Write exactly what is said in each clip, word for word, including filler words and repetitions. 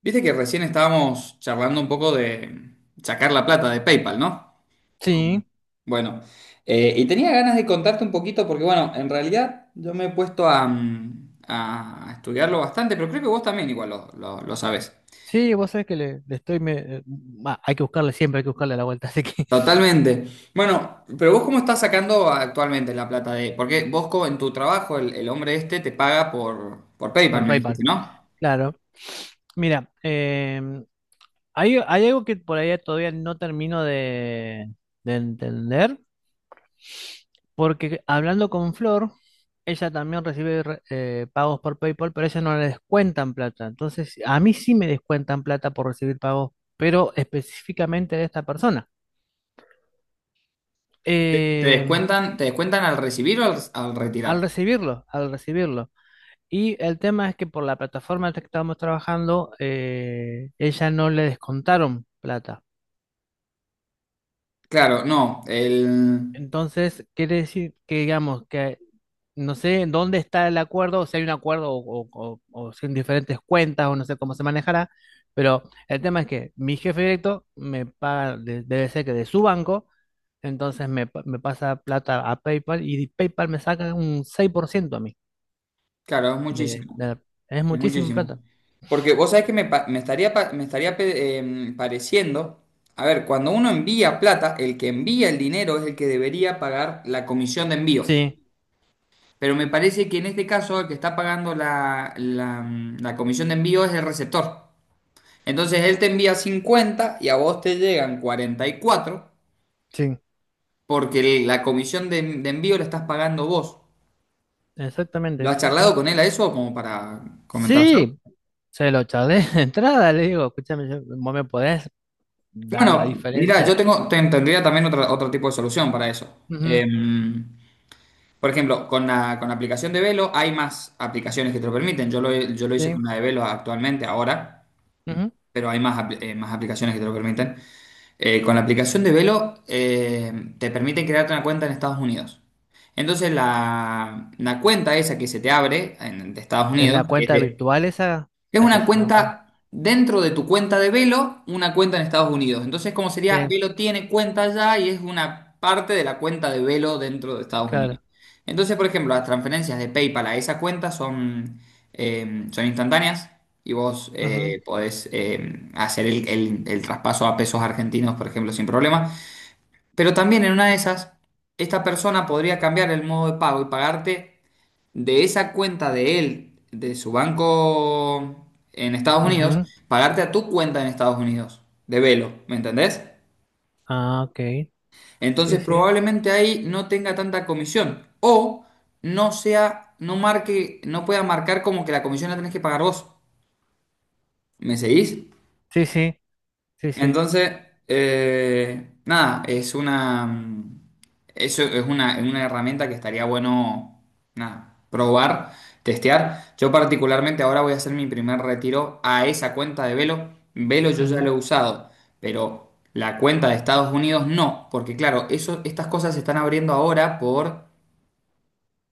Viste que recién estábamos charlando un poco de sacar la plata de PayPal, ¿no? Con- Sí, Bueno, eh, y tenía ganas de contarte un poquito porque, bueno, en realidad yo me he puesto a, mm, a estudiarlo bastante, pero creo que vos también igual lo, lo, lo sabés. sí, vos sabés que le, le estoy... me- eh, bah, hay que buscarle siempre, hay que buscarle la vuelta, así que Totalmente. Bueno, pero vos cómo estás sacando actualmente la plata de... Porque vos co- en tu trabajo, el, el hombre este te paga por, por PayPal, por me dijiste, PayPal. ¿no? Claro. Mira, em, hay, hay algo que por ahí todavía no termino de, de entender, porque hablando con Flor, ella también recibe re- eh, pagos por PayPal, pero a ella no le descuentan plata. Entonces, a mí sí me descuentan plata por recibir pagos, pero específicamente de esta persona. ¿Te Em, descuentan, te descuentan al recibir o al al al retirar? recibirlo, al recibirlo. Y el tema es que por la plataforma en la que estábamos trabajando, eh, ella no le descontaron plata. Claro, no. El, Entonces, quiere decir que, digamos, que no sé en dónde está el acuerdo, o si hay un acuerdo o, o, o- o- si en diferentes cuentas o no sé cómo se manejará, pero el tema es que mi jefe directo me paga, de- debe ser que de su banco, entonces me, pa- me pasa plata a PayPal y PayPal me saca un seis por ciento a mí. claro, es De, de muchísimo, la- es es muchísima muchísimo. plata. Porque vos sabés que me, pa- me estaría, pa- me estaría pe- em, pareciendo, a ver, cuando uno envía plata, el que envía el dinero es el que debería pagar la comisión de envío. Sí, Pero me parece que en este caso el que está pagando la, la, mm, la comisión de envío es el receptor. Entonces él te envía cincuenta y a vos te llegan cuarenta y cuatro sí, porque la comisión de, de envío la estás pagando vos. ¿Lo exactamente, has sí, charlado sí. con él a eso como para comentárselo? Sí, se lo charlé de entrada, le digo, escúchame, yo- vos me podés dar la Bueno, mira, diferencia. yo tengo, ten- tendría también otra- otro tipo de solución para eso. Ujú, Em, por ejemplo, con la, con la aplicación de Velo hay más aplicaciones que te lo permiten. Yo lo, he- yo lo hice sí, con la de Velo actualmente, ahora, ujú. pero hay más, apl- eh, más aplicaciones que te lo permiten. Eh, con la aplicación de Velo eh, te permiten crearte una cuenta en Estados Unidos. Entonces la, la cuenta esa que se te abre en- de Estados Es Unidos, la que es cuenta de, virtual esa, es la que una se llama cuenta. cuenta dentro de tu cuenta de Velo, una cuenta en Estados Unidos. Entonces, ¿cómo sería? Sí, Velo tiene cuenta allá y es una parte de la cuenta de Velo dentro de Estados Unidos. claro. Entonces, por ejemplo, las transferencias de PayPal a esa cuenta son, eh, son instantáneas y vos Ujú, eh, podés eh, hacer el, el- el traspaso a pesos argentinos, por ejemplo, sin problema. Pero también en una de esas, esta persona podría cambiar el modo de pago y pagarte de esa cuenta de él, de su banco en Estados Unidos, ujú. pagarte a tu cuenta en Estados Unidos, de Velo, ¿me entendés? Ah, ok. Entonces Sí, sí, probablemente ahí no tenga tanta comisión o no sea, no marque, no pueda marcar como que la comisión la tenés que pagar vos. ¿Me seguís? sí, sí, sí, sí. Entonces, eh, nada, es una, mm, eso es una, es una herramienta que estaría bueno, nada, probar, testear. Yo particularmente ahora voy a hacer mi primer retiro a esa cuenta de Velo. Velo yo ya lo Ujú, he usado, pero la cuenta de Estados Unidos no, porque claro, eso, estas cosas se están abriendo ahora por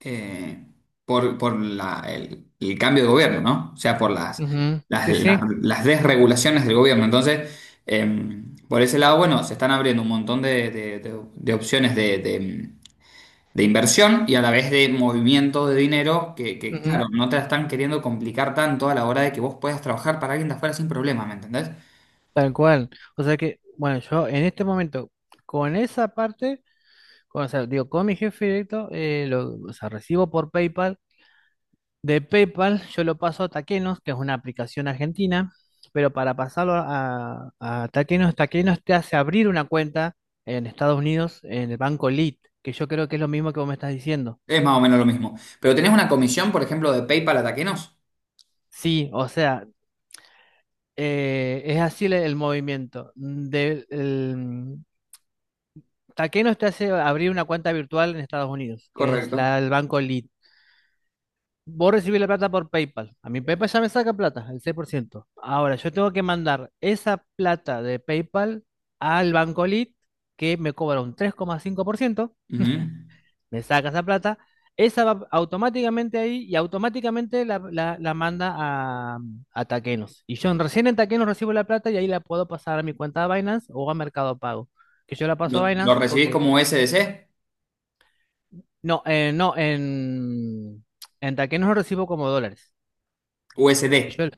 eh, por, por la- el, el cambio de gobierno, ¿no? O sea, por las, ujú. las, Sí, las- sí, las desregulaciones del gobierno. Entonces, eh, por ese lado, bueno, se están abriendo un montón de, de- de- de opciones de, de- de inversión y a la vez de movimiento de dinero que, que, ujú. claro, no te la están queriendo complicar tanto a la hora de que vos puedas trabajar para alguien de afuera sin problema, ¿me entendés? Tal cual. O sea que, bueno, yo en este momento, con esa parte, con- o sea, digo, con mi jefe directo, eh, lo, o sea, recibo por PayPal. De PayPal yo lo paso a Taquenos, que es una aplicación argentina, pero para pasarlo a, a Taquenos, Taquenos te hace abrir una cuenta en Estados Unidos en el banco Lead, que yo creo que es lo mismo que vos me estás diciendo. Es más o menos lo mismo. Pero tenés una comisión, por ejemplo, de PayPal a Taquenos. Sí, o sea, eh, es así el, el movimiento. De, el, Taquenos te hace abrir una cuenta virtual en Estados Unidos, que es Correcto. la, el banco Lead. Vos recibís la plata por PayPal. A mi PayPal ya me saca plata, el seis por ciento. Ahora, yo tengo que mandar esa plata de PayPal al Banco Lit, que me cobra un tres coma cinco por ciento. Ujú. Me saca esa plata, esa va automáticamente ahí y automáticamente la, la- la manda a, a Taquenos. Y yo en- recién en Taquenos recibo la plata y ahí la puedo pasar a mi cuenta de Binance o a Mercado Pago. Que yo la paso a ¿Lo, lo Binance recibís porque... como U S D C? No, eh, no, en, en Taquenos lo recibo como dólares. Que U S D. yo,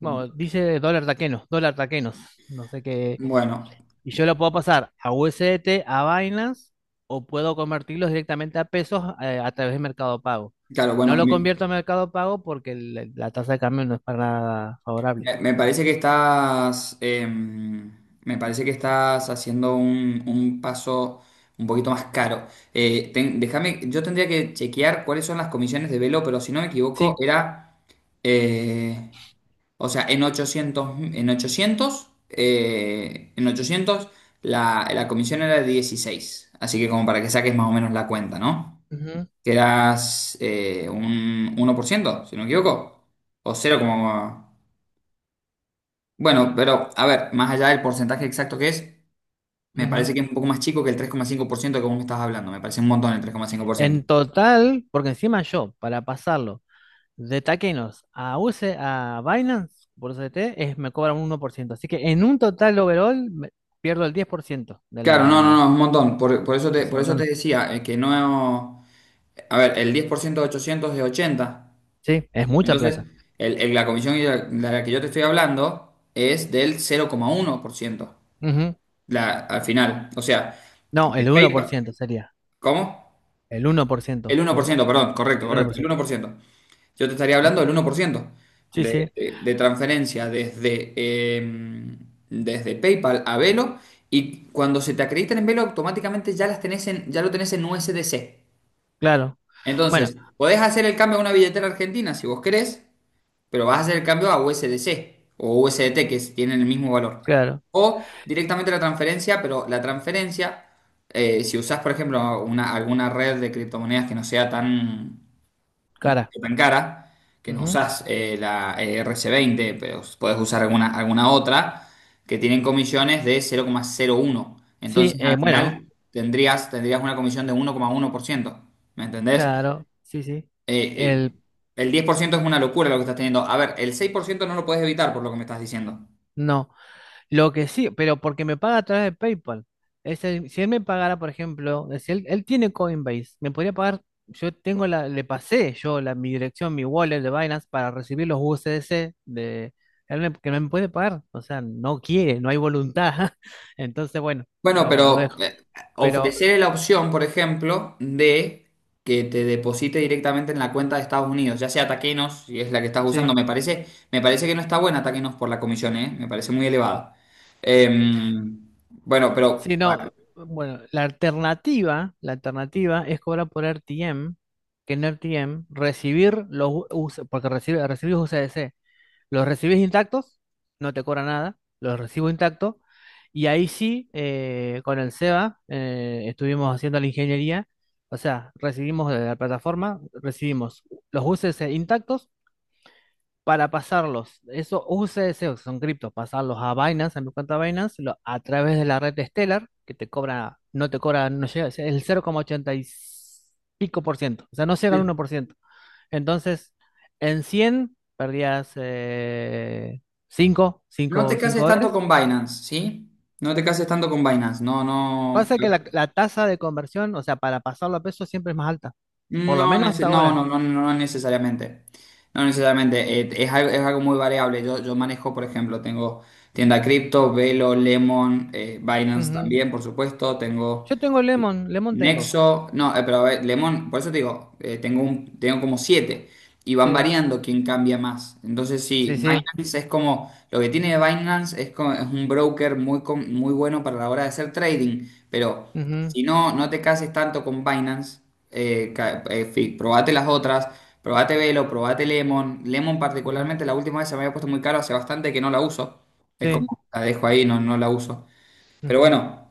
Bueno, dice dólar taquenos, dólar taquenos. No sé qué. Bueno, Y yo lo puedo pasar a U S D T, a Binance, o puedo convertirlos directamente a pesos eh, a través de Mercado Pago. claro, No bueno, lo me, convierto a Mercado Pago porque el- la tasa de cambio no es para nada favorable. me- me parece que estás, em, me parece que estás haciendo un, un paso un poquito más caro. Eh, ten- déjame, yo tendría que chequear cuáles son las comisiones de Velo, pero si no me equivoco, Sí. era, eh, o sea, en ochocientos, en ochocientos, eh, en ochocientos la, la comisión era de dieciséis. Así que como para que saques más o menos la cuenta, ¿no? Ujú, Que eras eh, un uno por ciento si no me equivoco, o cero como... Bueno, pero a ver, más allá del porcentaje exacto que es, me ujú. parece que es un poco más chico que el tres coma cinco por ciento que vos me estás hablando, me parece un montón el tres coma cinco por ciento. En total, porque encima yo, para pasarlo de taquenos a U S D, a Binance, por U S D T, es, me cobran un uno por ciento. Así que en un total overall me- pierdo el diez por ciento de Claro, no, no, no, la... es un montón, por, por eso de te, su por eso te montante. decía, eh, que no... A ver, el diez por ciento de ochocientos es ochenta, Sí, es mucha entonces plata. el- el- la comisión de la de la que yo te estoy hablando es del cero coma uno por ciento, Ujú. la, al final, o sea, No, de el uno por PayPal, ciento sería. ¿cómo? El El uno por ciento. uno por Poco. ciento, perdón, correcto, El correcto, el uno uno por ciento. por ciento. Yo te estaría hablando del Ujú. uno por ciento Sí, sí, de, de, de transferencia desde, eh, desde PayPal a Velo y cuando se te acreditan en Velo automáticamente ya las tenés en, ya lo tenés en U S D C. claro. Bueno, Entonces, podés hacer el cambio a una billetera argentina si vos querés, pero vas a hacer el cambio a U S D C o U S D T que es- tienen el mismo valor. claro, O directamente la transferencia, pero la transferencia, eh, si usás, por ejemplo, una, alguna red de criptomonedas que no sea tan cara. tan cara que no Ujú. usas eh, la R C veinte, pero puedes usar alguna, alguna otra que tienen comisiones de cero coma cero uno. Sí, Entonces al eh, bueno, final tendrías, tendrías una comisión de uno coma uno por ciento. ¿Me entendés? claro, sí, sí. Eh, El, eh, el diez por ciento es una locura lo que estás teniendo. A ver, el seis por ciento no lo puedes evitar por lo que me estás diciendo. no. Lo que sí, pero porque me paga a través de PayPal. Es el- si él me pagara, por ejemplo, si él, él tiene Coinbase, me podría pagar, yo tengo la, le pasé yo la, mi dirección, mi wallet de Binance para recibir los U S D C de él me- que no me puede pagar. O sea, no quiere, no hay voluntad. Entonces, bueno, Bueno, lo, lo pero dejo. eh, Pero ofrecer la opción, por ejemplo, de que te deposite directamente en la cuenta de Estados Unidos, ya sea Taquenos, si es la que estás usando, sí, me parece, me parece que no está buena Taquenos por la comisión, ¿eh? Me parece muy elevada. Em, bueno, sí, pero no. bueno, Bueno, la alternativa, la alternativa es cobrar por R T M, que en R T M recibir los U- US, porque recibe, recibir U S D C. Los recibes intactos, no te cobra nada, los recibo intactos. Y ahí sí, eh, con el SEBA, eh, estuvimos haciendo la ingeniería, o sea, recibimos de la plataforma, recibimos los U C S intactos para pasarlos, esos U C S, que son criptos, pasarlos a Binance, a mi cuenta Binance, lo- a través de la red de Stellar, que te cobra, no te cobra, no llega, es el cero coma ochenta y pico por ciento, o sea, no llega al uno sí. por ciento Entonces, en cien perdías eh, cinco No te cinco cases tanto dólares. con Binance, ¿sí? No te cases tanto con Binance, no, no. Pasa que la, la tasa de conversión, o sea, para pasarlo a pesos siempre es más alta. Por lo No, menos nece- hasta no, ahora. no, no, no necesariamente. No necesariamente. Eh, es algo, es algo muy variable. Yo, yo manejo, por ejemplo, tengo tienda cripto, Velo, Lemon, eh, Binance Ujú. también, por supuesto. Tengo Yo tengo Lemon, Lemon tengo. Nexo, no, eh, pero a ver, Lemon, por eso te digo, eh, tengo un, tengo como siete y van Sí, variando quién cambia más. Entonces sí, sí, sí. Binance es como, lo que tiene Binance es, como- es un broker muy, com- muy bueno para la hora de hacer trading, pero Ujú, si no, no te cases tanto con Binance, eh, ca- eh, fi- probate las otras, probate Velo, probate Lemon. Lemon ujú. particularmente la última vez se me había puesto muy caro, hace bastante que no la uso. Es Sí, como, la dejo ahí, no, no la uso. Pero ujú. bueno.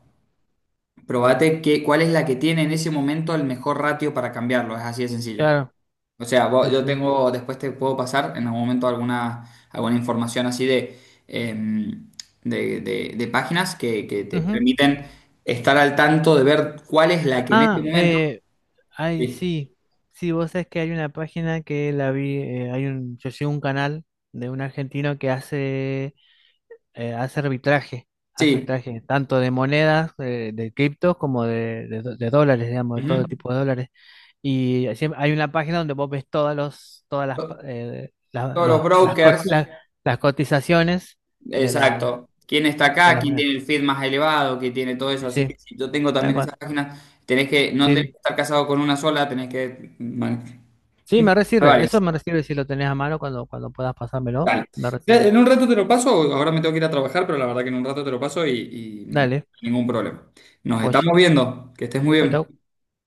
Probate que, cuál es la que tiene en ese momento el mejor ratio para cambiarlo. Es así de sencillo. Claro. O sea, vos- Sí, yo sí. tengo, después te puedo pasar en algún momento alguna, alguna información así de, em, de, de- de páginas que, que te Ujú. permiten estar al tanto de ver cuál es la que en este Ah, momento. eh, ay, Sí, sí. Sí, vos sabés que hay una página que la vi, eh, hay un, yo sigo un canal de un argentino que hace eh, hace arbitraje, hace sí. arbitraje tanto de monedas, eh, de criptos, como de, de do- de dólares, digamos, de Ujú. todo tipo de dólares. Y siem- hay una página donde vos ves todas, los, todas las, pa- To- eh, la- todos los los- las, co- brokers, la- las cotizaciones de, la, exacto. ¿Quién está de acá? las ¿Quién monedas. tiene el feed más elevado? ¿Quién tiene todo eso? Sí, Así que sí, si yo tengo tal también esas cual. páginas, tenés que, no tenés que Sí, estar casado con una sola, tenés que man- sí, me Ah, resirve. vale, Eso me resirve si lo tenés a mano cuando, cuando puedas pasármelo. dale. Me Ya, resirve. en un rato te lo paso, ahora me tengo que ir a trabajar, pero la verdad que en un rato te lo paso y, Dale, y ningún problema. Nos joya. estamos viendo, que estés muy Chau, chau. bien.